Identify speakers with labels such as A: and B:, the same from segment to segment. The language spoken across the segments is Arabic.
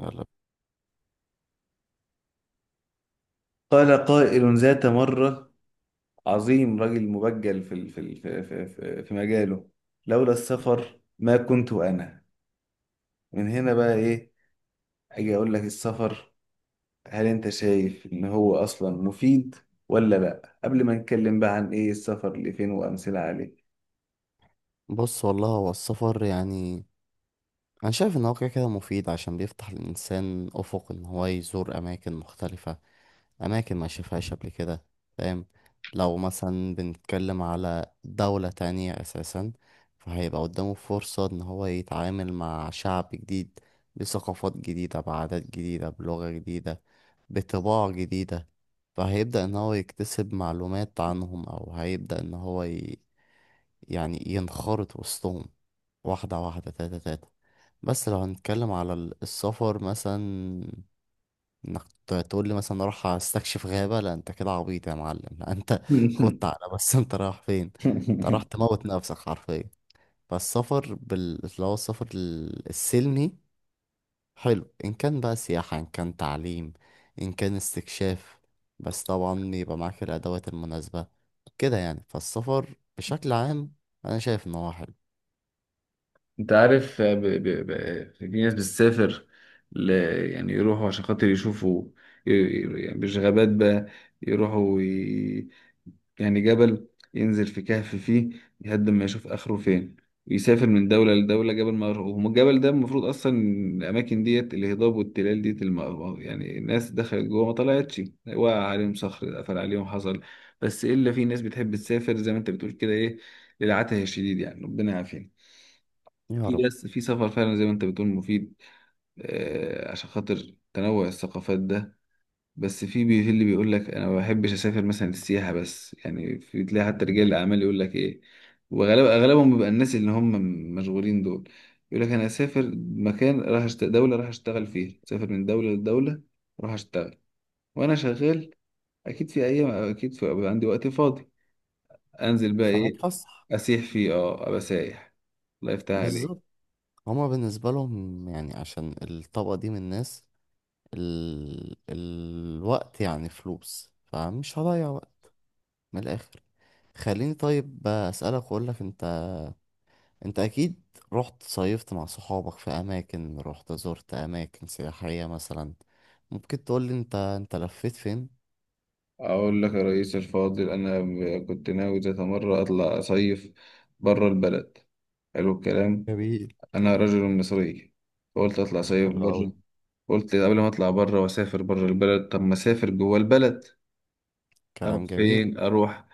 A: يلا.
B: قال قائل ذات مرة، عظيم رجل مبجل في ال- في ال- في في في في مجاله، لولا السفر ما كنت أنا من هنا. بقى إيه؟ أجي أقول لك السفر، هل أنت شايف إن هو أصلا مفيد ولا لأ؟ قبل ما نتكلم بقى عن إيه السفر لفين وأمثلة عليه.
A: بص والله هو السفر يعني انا شايف ان هو كده كده مفيد، عشان بيفتح للانسان افق ان هو يزور اماكن مختلفة، أماكن ما شافهاش قبل كده. فاهم؟ لو مثلا بنتكلم على دولة تانية أساسا، فهيبقى قدامه فرصة إن هو يتعامل مع شعب جديد بثقافات جديدة بعادات جديدة بلغة جديدة بطباع جديدة. فهيبدأ إن هو يكتسب معلومات عنهم، أو هيبدأ إن هو يعني ينخرط وسطهم. واحدة واحدة تاتا تاتا. بس لو هنتكلم على السفر مثلا، انك تقول لي مثلا اروح استكشف غابة، لا انت كده عبيط يا معلم، لا انت خدت على، بس انت رايح فين؟ انت راح تموت نفسك حرفيا. فالسفر اللي هو السفر السلمي حلو. ان كان بقى سياحة، ان كان تعليم، ان كان استكشاف، بس طبعا يبقى معاك الادوات المناسبة كده يعني. فالسفر بشكل عام انا شايف ان هو حلو.
B: أنت عارف، في ناس بتسافر، ل... يعني يروحوا عشان خاطر يشوفوا، يعني مش غابات بقى، يروحوا يعني جبل، ينزل في كهف فيه لحد ما يشوف آخره فين، ويسافر من دولة لدولة. جبل ما يروح وهم الجبل ده، المفروض أصلا الأماكن ديت، الهضاب والتلال ديت، يعني الناس دخلت جوه ما طلعتش، وقع عليهم صخر، قفل عليهم، حصل. بس إلا في ناس بتحب تسافر، زي ما أنت بتقول كده، إيه، للعته الشديد يعني، ربنا يعافينا.
A: يا
B: في،
A: رب.
B: بس في سفر فعلا زي ما أنت بتقول مفيد، عشان خاطر تنوع الثقافات ده. بس في اللي بيقول لك انا ما بحبش اسافر، مثلا السياحه بس، يعني في تلاقي حتى رجال الاعمال يقول لك ايه، وغالبا اغلبهم بيبقى الناس اللي هم مشغولين دول. يقول لك انا اسافر مكان، راح دوله راح اشتغل فيها، اسافر من دوله لدوله راح اشتغل. وانا شغال، اكيد في ايام، اكيد بيبقى عندي وقت فاضي، انزل بقى ايه،
A: فهتفسح.
B: اسيح فيه، اه، ابقى سايح. الله يفتح عليك.
A: بالظبط. هما بالنسبة لهم يعني عشان الطبقة دي من الناس الوقت يعني فلوس، فمش هضيع وقت. من الاخر، خليني طيب اسالك واقول لك. انت، انت اكيد رحت صيفت مع صحابك في اماكن، رحت زرت اماكن سياحية مثلا. ممكن تقول لي انت لفيت فين؟
B: اقول لك يا رئيس الفاضل، انا كنت ناوي ذات مره اطلع اصيف بره البلد. حلو الكلام.
A: جميل.
B: أنا رجل مصري، فقلت أطلع صيف
A: حلو أوي.
B: بره. قلت قبل ما أطلع بره وأسافر بره البلد، طب ما أسافر جوه البلد. أروح
A: كلام جميل.
B: فين؟ أروح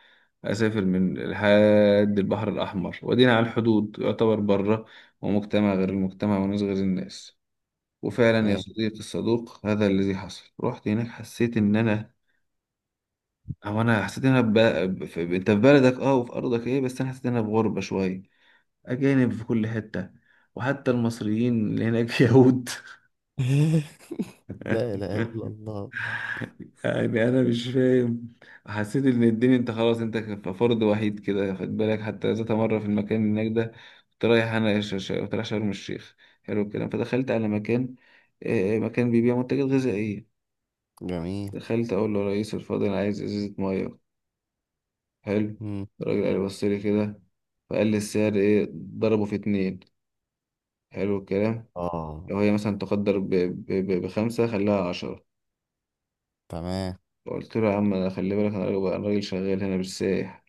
B: أسافر من لحد البحر الأحمر وأدينا على الحدود يعتبر بره، ومجتمع غير المجتمع وناس غير الناس. وفعلا يا
A: ماشي.
B: صديقي الصدوق، هذا الذي حصل. رحت هناك حسيت إن أنا، أو أنا حسيت إن أنا أنت في بلدك، أه، وفي أرضك، إيه، بس أنا حسيت إن أنا في غربة شوية. أجانب في كل حتة، وحتى المصريين اللي هناك يهود.
A: لا اله الا الله.
B: يعني انا مش فاهم. حسيت ان الدنيا، انت خلاص، انت فرد وحيد كده، خد بالك. حتى ذات مره في المكان هناك ده، كنت رايح انا، كنت رايح شرم الشيخ. حلو الكلام. فدخلت على مكان، مكان بيبيع منتجات غذائيه.
A: جميل.
B: دخلت اقول له يا ريس الفاضل، انا عايز ازازه ميه. حلو.
A: مم.
B: الراجل قال بص لي كده، فقال لي السعر ايه، ضربه في اتنين. حلو الكلام.
A: اه.
B: لو هي مثلا تقدر بخمسة، خلاها عشرة.
A: تمام.
B: قلت له يا عم، أنا خلي بالك، أنا راجل، أنا راجل شغال هنا مش سايح.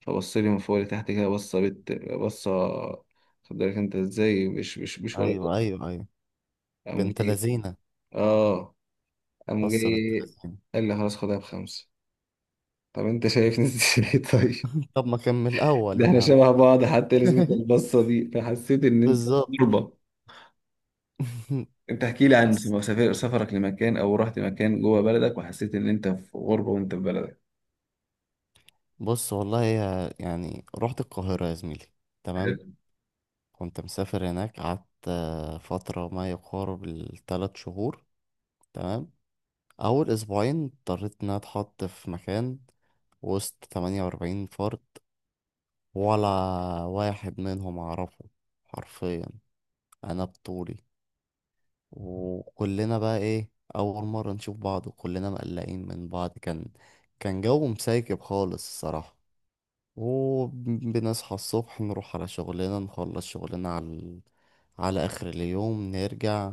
B: فبص لي من فوق لتحت كده، بصة بصة. خد بالك انت ازاي، مش ولا كنت.
A: ايوه ايوه ايوه.
B: قام
A: بنت
B: جاي.
A: لذينه.
B: اه. قام
A: بص بنت
B: جاي
A: لذينه.
B: قال لي خلاص خدها بخمسة. طب انت شايفني ازاي؟ طيب.
A: طب ما كمل الاول
B: ده
A: يا
B: احنا
A: عم.
B: شبه بعض حتى، لازمة البصة دي، فحسيت ان انت
A: بالظبط.
B: غربة. انت احكي لي عن
A: بس.
B: سفرك لمكان، او رحت مكان جوه بلدك وحسيت ان انت في غربة وانت في بلدك.
A: بص والله يعني رحت القاهرة يا زميلي.
B: حلو.
A: تمام. كنت مسافر هناك، قعدت آه، فترة ما يقارب الثلاث شهور. تمام. أول أسبوعين اضطريت إن أنا أتحط في مكان وسط 48 فرد. ولا واحد منهم أعرفه حرفيا، أنا بطولي. وكلنا بقى إيه، أول مرة نشوف بعض وكلنا مقلقين من بعض. كان جو مسيكب خالص الصراحة. وبنصحى الصبح نروح على شغلنا، نخلص شغلنا على على آخر اليوم نرجع.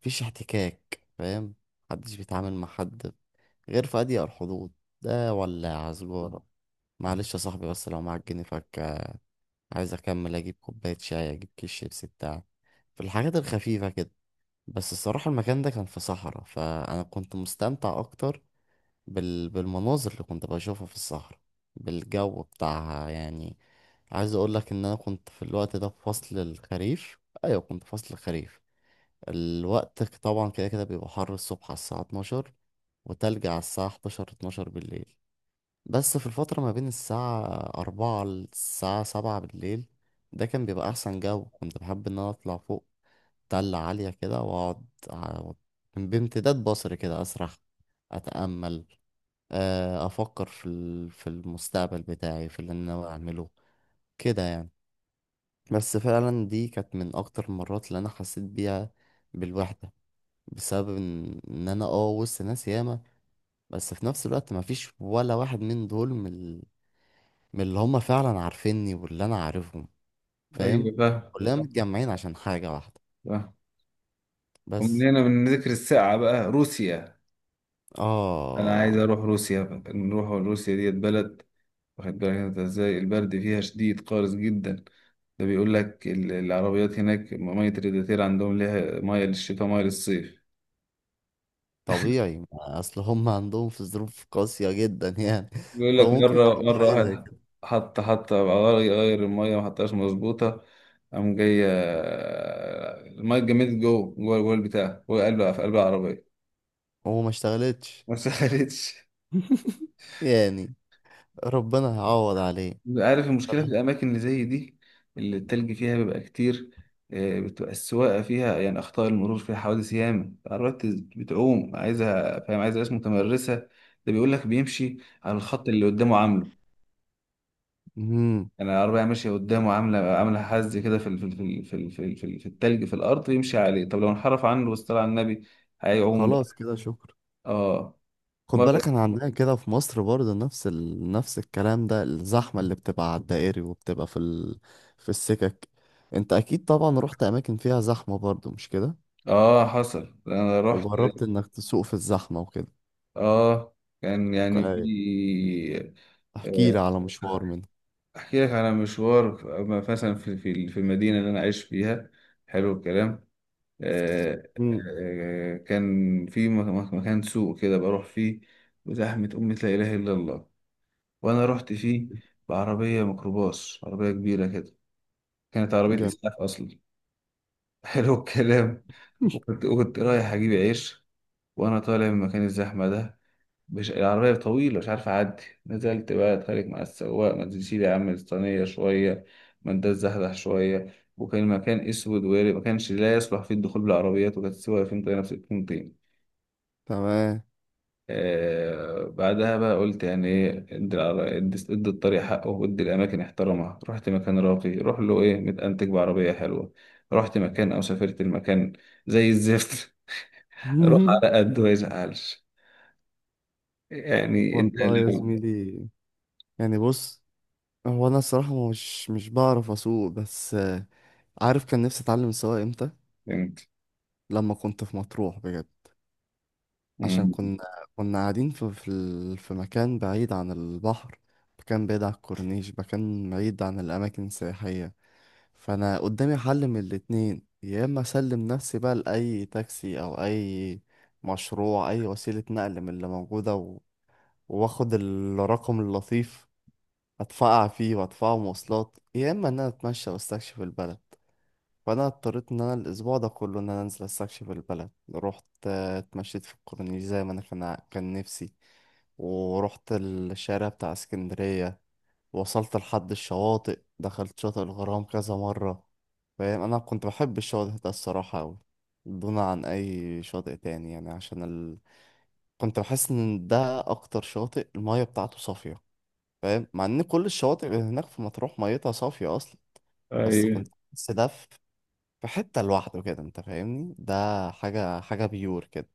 A: مفيش احتكاك، فاهم؟ محدش بيتعامل مع حد غير في أضيق الحدود. ده ولا سجارة، معلش يا صاحبي بس لو معاك جنيه فك عايز أكمل أجيب كوباية شاي أجيب كيس شيبسي بتاع، في الحاجات الخفيفة كده. بس الصراحة المكان ده كان في صحراء، فأنا كنت مستمتع أكتر بالمناظر اللي كنت بشوفها في الصحراء، بالجو بتاعها يعني. عايز اقول لك ان انا كنت في الوقت ده في فصل الخريف. ايوه كنت في فصل الخريف. الوقت طبعا كده كده بيبقى حر الصبح على الساعة 12، وتلج على الساعة 11 12 بالليل. بس في الفترة ما بين الساعة 4 للساعة 7 بالليل ده كان بيبقى احسن جو. كنت بحب ان انا اطلع فوق تلة عالية كده واقعد بامتداد بصري كده اسرح، اتأمل آه، افكر في في المستقبل بتاعي، في اللي انا ناوي اعمله كده يعني. بس فعلا دي كانت من اكتر المرات اللي انا حسيت بيها بالوحده. بسبب إن انا اه وسط ناس ياما بس في نفس الوقت مفيش ولا واحد من دول من من اللي هم فعلا عارفيني واللي انا عارفهم.
B: ايوه
A: فاهم؟
B: بقى.
A: كلنا متجمعين عشان حاجه واحده
B: بقى، ومن
A: بس.
B: هنا من ذكر الساعة بقى روسيا. انا عايز
A: اه
B: اروح روسيا بقى. نروح روسيا، ديت بلد واخد بالك انت ازاي، البرد فيها شديد قارس جدا. ده بيقول لك العربيات هناك، مية الريداتير عندهم، ليها مية للشتاء مية للصيف.
A: طبيعي، ما اصل هم عندهم في ظروف قاسيه جدا يعني.
B: بيقول لك
A: فممكن
B: مرة،
A: يعملوا
B: مرة
A: حاجه زي
B: واحد
A: كده.
B: حط حط غير المية ما حطهاش مظبوطة، قام جاية. المية اتجمدت جوه جوه جوه البتاع، جوه قلب في قلب العربية.
A: وما اشتغلتش
B: ما سخنتش.
A: يعني. ربنا هيعوض عليه.
B: عارف المشكلة في الأماكن اللي زي دي، اللي التلج فيها بيبقى كتير، بتبقى السواقة فيها يعني، أخطاء المرور فيها حوادث ياما، العربيات بتعوم عايزة، فاهم، عايزة ناس متمرسة. ده بيقول لك بيمشي على الخط اللي قدامه عامله،
A: امم.
B: يعني العربية ماشية قدامه عاملة حز كده في ال- في ال- في ال- في ال- في ال- في التلج في الأرض، يمشي عليه. طب لو انحرف عنه واصطلع على النبي هيعوم
A: خلاص
B: بقى.
A: كده شكرا.
B: اه.
A: خد
B: مرة.
A: بالك انا عندنا كده في مصر برضه نفس نفس الكلام ده، الزحمه اللي بتبقى على الدائري وبتبقى في في السكك. انت اكيد طبعا رحت اماكن فيها زحمه برضه مش كده؟
B: اه، حصل، أنا رحت.
A: وجربت انك تسوق في الزحمه وكده.
B: اه، كان يعني في،
A: أي. احكي
B: آه،
A: لي على مشوار منه.
B: احكي لك على مشوار مثلا في المدينه اللي انا عايش فيها. حلو الكلام.
A: امم.
B: كان في مكان سوق كده بروح فيه. وزحمه، امي لا اله الا الله. وانا رحت فيه بعربيه ميكروباص، عربيه كبيره كده، كانت عربيه
A: جميل.
B: اسعاف اصلا. حلو الكلام. وكنت رايح اجيب عيش. وانا طالع من مكان الزحمه ده، مش العربية طويلة مش عارف أعدي. نزلت بقى أتخانق مع السواق، ما تشيل يا عم الصينية شوية، ما انت تزحزح شوية. وكان المكان أسود وياري ما كانش، لا يصلح فيه الدخول بالعربيات، وكانت السواقة فين، طينة في الكونتين.
A: تمام.
B: آه، بعدها بقى قلت يعني إيه، ادي الطريق حقه، وادي الأماكن احترمها. رحت مكان راقي، روح له إيه متأنتج بعربية حلوة. رحت مكان أو سافرت المكان زي الزفت. روح على قد ما يزعلش يعني. أنت
A: والله يا
B: لو،
A: زميلي، يعني بص، هو انا الصراحه مش بعرف اسوق. بس عارف كان نفسي اتعلم السواقه امتى؟ لما كنت في مطروح بجد. عشان
B: فهمت،
A: كنا كنا قاعدين في في مكان بعيد عن البحر، مكان بعيد عن الكورنيش، مكان بعيد عن الاماكن السياحيه. فانا قدامي حل من الاتنين، يا اما اسلم نفسي بقى لاي تاكسي او اي مشروع، اي وسيله نقل من اللي موجوده واخد الرقم اللطيف، ادفع فيه وادفعه مواصلات، يا اما ان انا اتمشى واستكشف البلد. فانا اضطريت ان انا الاسبوع ده كله ان انا انزل استكشف البلد. رحت آه، اتمشيت في الكورنيش زي ما انا كان نفسي. ورحت الشارع بتاع اسكندرية، وصلت لحد الشواطئ، دخلت شاطئ الغرام كذا مرة. فاهم، انا كنت بحب الشاطئ ده الصراحة اوي، دون عن اي شاطئ تاني يعني عشان كنت بحس ان ده اكتر شاطئ المية بتاعته صافية. فاهم؟ مع ان كل الشواطئ اللي هناك في مطروح ميتها صافية اصلا. بس
B: ايوه.
A: كنت بحس ده في حتة لوحده كده. انت فاهمني، ده حاجة حاجة بيور كده.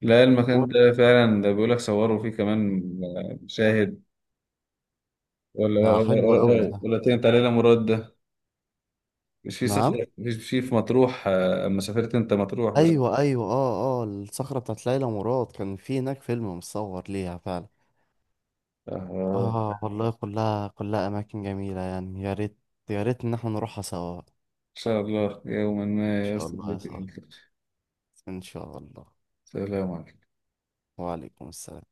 B: لا، المكان
A: و-
B: ده فعلا، ده بيقول لك صوروا فيه كمان مشاهد. ولا
A: ده
B: ولا
A: حلو قوي
B: ولا,
A: ده.
B: ولا تنت علينا مراد ده. مش في
A: نعم.
B: صخرة، مش في مطروح؟ اما سافرت انت مطروح بس.
A: ايوه ايوه اه اه، الصخرة بتاعت ليلى مراد كان في هناك فيلم متصور ليها فعلا.
B: آه،
A: اه والله كلها كلها اماكن جميلة يعني. يا ريت يا ريت ان احنا نروحها سوا. ان
B: ان شاء الله يوما ما
A: شاء
B: يصل
A: الله يا
B: بك
A: صاحبي.
B: الانكار.
A: ان شاء الله.
B: سلام عليكم.
A: وعليكم السلام.